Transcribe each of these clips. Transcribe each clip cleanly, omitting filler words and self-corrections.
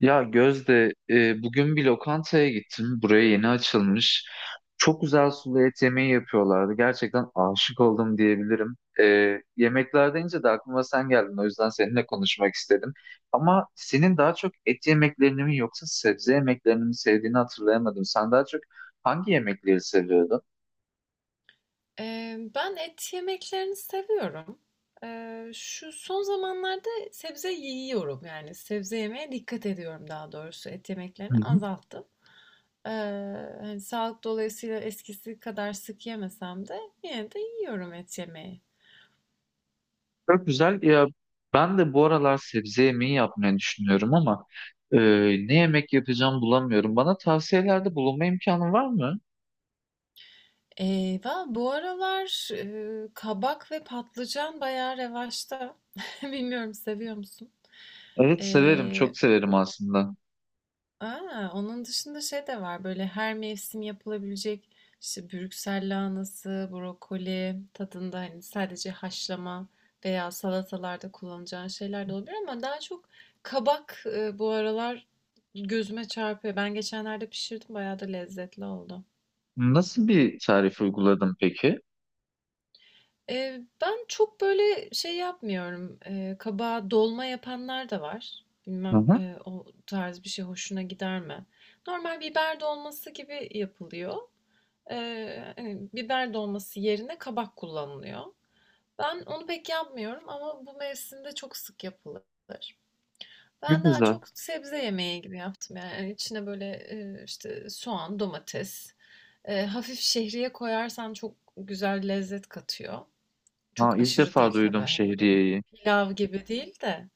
Ya Gözde, bugün bir lokantaya gittim. Buraya yeni açılmış. Çok güzel sulu et yemeği yapıyorlardı. Gerçekten aşık oldum diyebilirim. Yemekler deyince de aklıma sen geldin. O yüzden seninle konuşmak istedim. Ama senin daha çok et yemeklerini mi yoksa sebze yemeklerini mi sevdiğini hatırlayamadım. Sen daha çok hangi yemekleri seviyordun? Ben et yemeklerini seviyorum. Şu son zamanlarda sebze yiyorum, yani sebze yemeye dikkat ediyorum daha doğrusu. Et Hı yemeklerini hı. azalttım. Eee, hani sağlık dolayısıyla eskisi kadar sık yemesem de yine de yiyorum et yemeği. Çok güzel. Ya ben de bu aralar sebze yemeği yapmayı düşünüyorum ama e, ne yemek yapacağım bulamıyorum. Bana tavsiyelerde bulunma imkanı var mı? Eee, bu aralar kabak ve patlıcan bayağı revaçta. Bilmiyorum, seviyor musun? Evet severim, çok severim aslında. A! Onun dışında şey de var, böyle, her mevsim yapılabilecek, işte, Brüksel lahanası, brokoli tadında, hani, sadece haşlama veya salatalarda kullanacağın şeyler de olabilir ama daha çok kabak, bu aralar gözüme çarpıyor. Ben geçenlerde pişirdim, bayağı da lezzetli oldu. Nasıl bir tarif uyguladın peki? Ben çok, böyle, şey yapmıyorum, kabağa dolma yapanlar da var. Hı Bilmem, hı. O tarz bir şey hoşuna gider mi? Normal biber dolması gibi yapılıyor. Hani, biber dolması yerine kabak kullanılıyor. Ben onu pek yapmıyorum ama bu mevsimde çok sık yapılır. Çok Ben daha güzel. çok sebze yemeği gibi yaptım yani. Hani, içine böyle, işte soğan, domates, hafif şehriye koyarsan çok güzel lezzet katıyor. Ha, Çok ilk aşırı defa değil tabii, duydum hani, öyle şehriyeyi. pilav gibi değil de.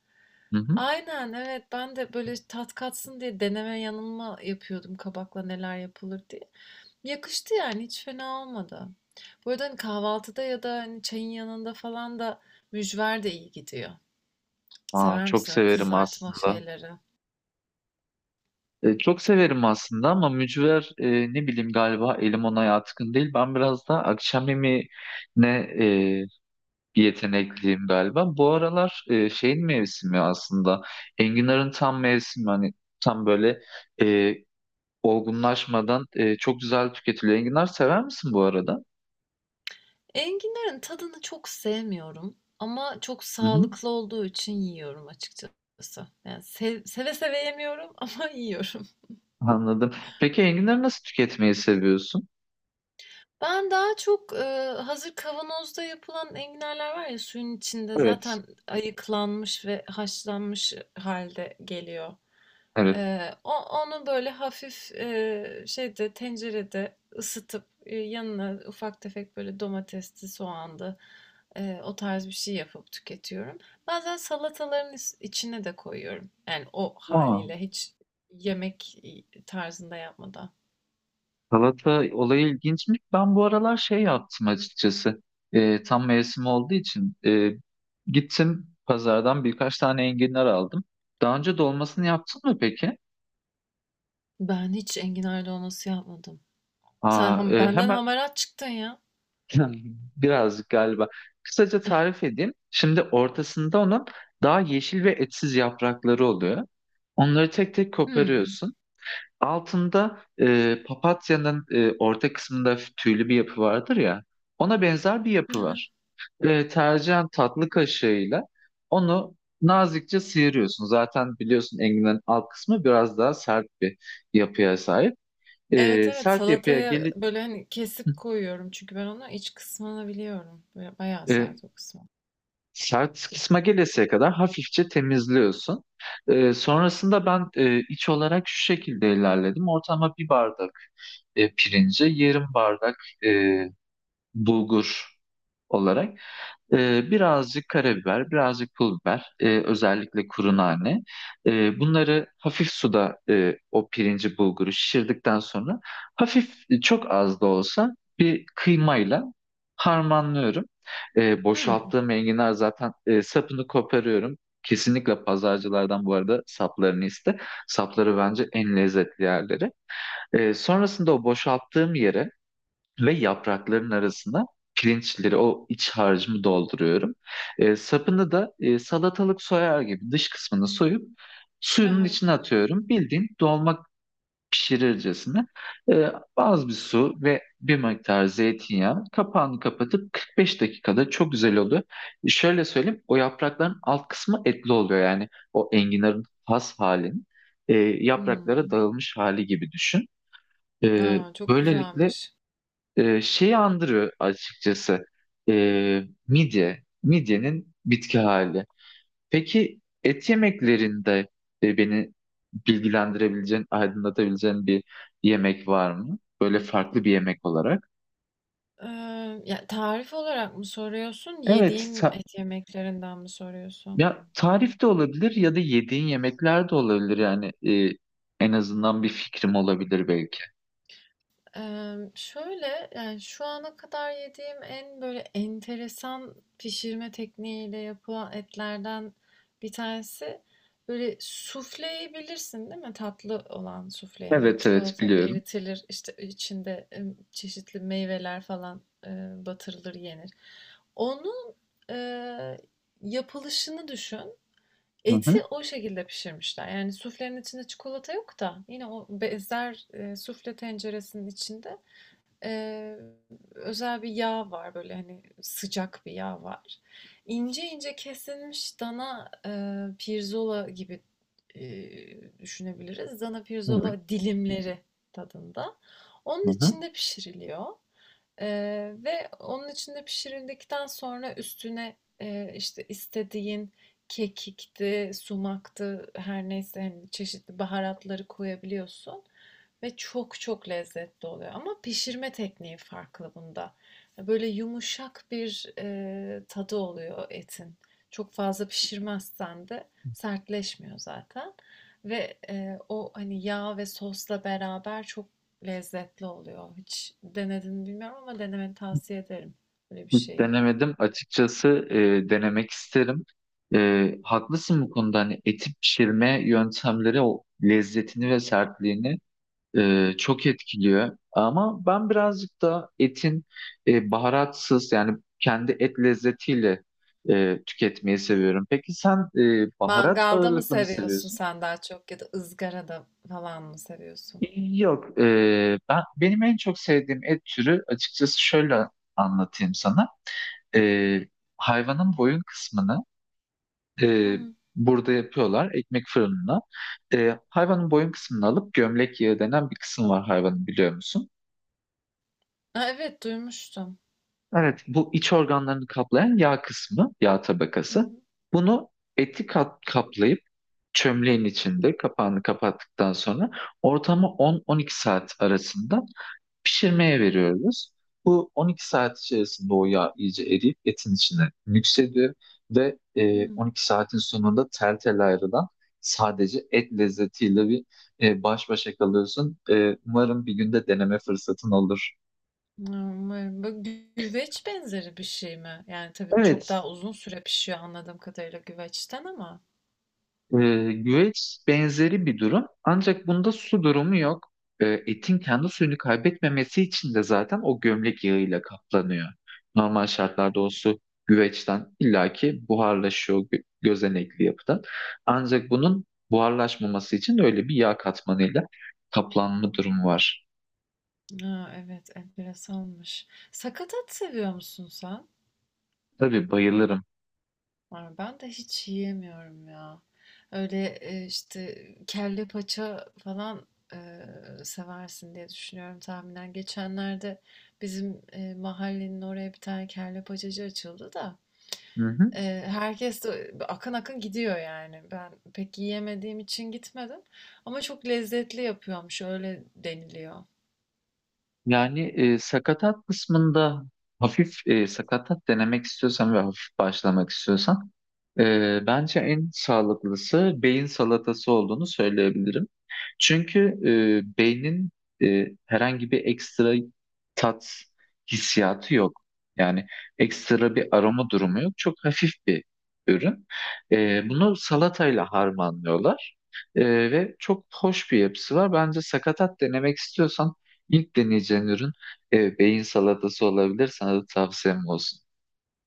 Hı hı. Aynen, evet, ben de böyle tat katsın diye deneme yanılma yapıyordum kabakla neler yapılır diye. Yakıştı yani, hiç fena olmadı. Bu arada, hani, kahvaltıda ya da hani çayın yanında falan da mücver de iyi gidiyor. Aa, Sever çok misin öyle severim kızartma aslında. şeyleri? Çok severim aslında ama mücver ne bileyim galiba elim ona yatkın değil. Ben biraz da akşam yemeğine e, bir yetenekliyim galiba. Bu aralar şeyin mevsimi aslında. Enginar'ın tam mevsimi hani tam böyle e, olgunlaşmadan çok güzel tüketiliyor. Enginar sever misin bu arada? Enginlerin tadını çok sevmiyorum ama çok Hı hı, sağlıklı olduğu için yiyorum açıkçası. Yani seve seve yemiyorum ama yiyorum. anladım. Peki enginarı nasıl tüketmeyi seviyorsun? Ben daha çok hazır kavanozda yapılan enginarlar var ya, suyun içinde Evet. zaten ayıklanmış ve haşlanmış halde geliyor. Evet. O onu böyle hafif, şeyde, tencerede ısıtıp, yanına ufak tefek böyle domatesli, soğanlı, o tarz bir şey yapıp tüketiyorum. Bazen salataların is içine de koyuyorum. Yani o Aa, haliyle hiç yemek, tarzında yapmadan. salata olayı ilginçmiş. Ben bu aralar şey yaptım açıkçası. Tam mevsim olduğu için gittim pazardan birkaç tane enginar aldım. Daha önce dolmasını yaptın mı peki? Ben hiç enginar dolması yapmadım. Sen Aa, ham benden hemen hamarat çıktın ya. birazcık galiba. Kısaca tarif edeyim. Şimdi ortasında onun daha yeşil ve etsiz yaprakları oluyor. Onları tek tek Hımm. koparıyorsun. Altında papatyanın orta kısmında tüylü bir yapı vardır ya. Ona benzer bir yapı var. Tercihen tatlı kaşığıyla onu nazikçe sıyırıyorsun. Zaten biliyorsun enginlerin alt kısmı biraz daha sert bir yapıya sahip. Evet, E, evet, sert yapıya salataya gelip böyle, hani, kesip koyuyorum çünkü ben onu iç kısmını biliyorum. Böyle bayağı e, sert o kısmı. Sert kısma gelesiye kadar hafifçe temizliyorsun. Sonrasında ben iç olarak şu şekilde ilerledim. Ortama bir bardak pirince, yarım bardak e, bulgur olarak birazcık karabiber, birazcık pul biber, özellikle kuru nane. Bunları hafif suda o pirinci bulguru şişirdikten sonra hafif çok az da olsa bir kıymayla harmanlıyorum. E, Hımm. boşalttığım enginar zaten sapını koparıyorum. Kesinlikle pazarcılardan bu arada saplarını iste. Sapları bence en lezzetli yerleri. Sonrasında o boşalttığım yere ve yaprakların arasına pirinçleri, o iç harcımı dolduruyorum. Sapını da salatalık soyar gibi dış kısmını soyup suyunun Aha, içine atıyorum. Bildiğin dolma pişirircesine e, az bir su ve bir miktar zeytinyağı kapağını kapatıp 45 dakikada çok güzel oluyor. Şöyle söyleyeyim, o yaprakların alt kısmı etli oluyor yani o enginarın has halinin e, hmm, yapraklara hımm. dağılmış hali gibi düşün. E, Çok böylelikle güzelmiş. Şeyi andırıyor açıkçası. E, midye. Midyenin bitki hali. Peki et yemeklerinde beni bilgilendirebileceğin, aydınlatabileceğin bir yemek var mı? Böyle farklı bir yemek olarak. Ya, tarif olarak mı soruyorsun, Evet. yediğim et yemeklerinden mi soruyorsun? Ya tarif de olabilir ya da yediğin yemekler de olabilir. Yani en azından bir fikrim olabilir belki. Şöyle, yani, şu ana kadar yediğim en, böyle, enteresan pişirme tekniğiyle yapılan etlerden bir tanesi, böyle, sufleyi bilirsin değil mi? Tatlı olan sufle, yani, Evet evet çikolata biliyorum. eritilir, işte, içinde, çeşitli meyveler falan, eee, batırılır, yenir. Onun eee, yapılışını düşün. Hı Eti hı. o şekilde pişirmişler. Yani, suflenin içinde çikolata yok da yine o benzer, sufle tenceresinin içinde. Eee, özel bir yağ var, böyle, hani, sıcak bir yağ var. İnce ince kesilmiş dana, pirzola gibi, düşünebiliriz. Dana Evet. pirzola dilimleri tadında. Onun Hı hı. içinde pişiriliyor, ve onun içinde pişirildikten sonra üstüne, işte, istediğin kekikti, sumaktı, her neyse, hani, çeşitli baharatları koyabiliyorsun. Ve çok çok lezzetli oluyor ama pişirme tekniği farklı bunda. Böyle yumuşak bir tadı oluyor etin. Çok fazla pişirmezsen de sertleşmiyor zaten ve o, hani, yağ ve sosla beraber çok lezzetli oluyor. Hiç denedin mi bilmiyorum ama denemeni tavsiye ederim böyle bir Hiç şeyi. denemedim. Açıkçası denemek isterim. Haklısın bu konuda. Hani eti pişirme yöntemleri o lezzetini ve sertliğini çok etkiliyor. Ama ben birazcık da etin baharatsız yani kendi et lezzetiyle tüketmeyi seviyorum. Peki sen baharat Mangalda mı ağırlıklı mı seviyorsun seviyorsun? sen daha çok ya da ızgarada falan mı seviyorsun? Yok. Benim en çok sevdiğim et türü açıkçası, şöyle anlatayım sana. E, hayvanın boyun kısmını Hı e, hı. burada yapıyorlar ekmek fırınına. Hayvanın boyun kısmını alıp gömlek yağı denen bir kısım var hayvanın, biliyor musun? A, evet, duymuştum. Evet, bu iç organlarını kaplayan yağ kısmı, yağ tabakası. Hı. Bunu eti kaplayıp çömleğin içinde kapağını kapattıktan sonra ortama 10-12 saat arasında pişirmeye veriyoruz. Bu 12 saat içerisinde o yağ iyice eriyip etin içine nüksediyor ve Hı hı. 12 saatin sonunda tel tel ayrılan sadece et lezzetiyle bir baş başa kalıyorsun. Umarım bir günde deneme fırsatın olur. Umarım. Bu güveç benzeri bir şey mi? Yani tabii çok Evet. daha uzun süre pişiyor anladığım kadarıyla güveçten ama. Güveç benzeri bir durum. Ancak bunda su durumu yok. Etin kendi suyunu kaybetmemesi için de zaten o gömlek yağıyla kaplanıyor. Normal şartlarda o su güveçten illaki buharlaşıyor, gözenekli yapıdan. Ancak bunun buharlaşmaması için öyle bir yağ katmanıyla kaplanma durumu var. Ha, evet, enteresanmış. Sakatat seviyor musun sen? Tabii bayılırım. Aa, ben de hiç yiyemiyorum ya. Öyle işte kelle paça falan e, seversin diye düşünüyorum tahminen. Geçenlerde bizim mahallenin oraya bir tane kelle paçacı açıldı da. Hı hı. Herkes de akın akın gidiyor yani. Ben pek yiyemediğim için gitmedim ama çok lezzetli yapıyormuş, öyle deniliyor. Yani sakatat kısmında hafif sakatat denemek istiyorsan ve hafif başlamak istiyorsan bence en sağlıklısı beyin salatası olduğunu söyleyebilirim. Çünkü beynin herhangi bir ekstra tat hissiyatı yok. Yani ekstra bir aroma durumu yok. Çok hafif bir ürün. Bunu salatayla harmanlıyorlar. Ve çok hoş bir yapısı var. Bence sakatat denemek istiyorsan ilk deneyeceğin ürün beyin salatası olabilir. Sana da tavsiyem olsun.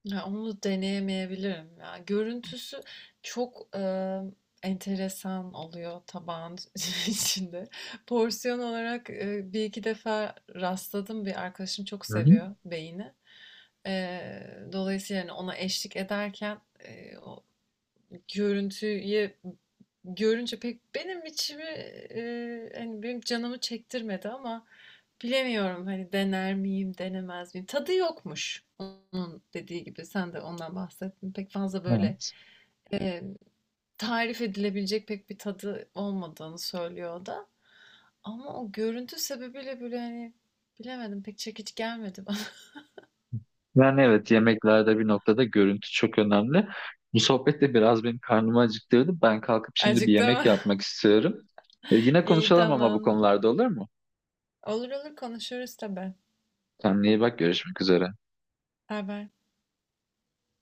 Ya onu deneyemeyebilirim ya. Görüntüsü çok enteresan oluyor tabağın içinde. Porsiyon olarak bir iki defa rastladım. Bir arkadaşım çok Hı hı. seviyor beyni. Dolayısıyla yani ona eşlik ederken o görüntüye görünce pek benim içimi, hani, benim canımı çektirmedi ama bilemiyorum, hani, dener miyim, denemez miyim? Tadı yokmuş onun dediği gibi. Sen de ondan bahsettin. Pek fazla böyle, Evet. emm, tarif edilebilecek pek bir tadı olmadığını söylüyor o da ama o görüntü sebebiyle böyle, hani, bilemedim, pek çekici gelmedi bana. Yani evet, yemeklerde bir noktada görüntü çok önemli. Bu sohbet de biraz benim karnımı acıktırdı. Ben kalkıp şimdi bir yemek Acıktım. yapmak istiyorum. Yine İyi, konuşalım ama bu tamamdır. konularda, olur mu? Olur olur konuşuruz tabii. Kendine iyi bak, görüşmek üzere. Baybay.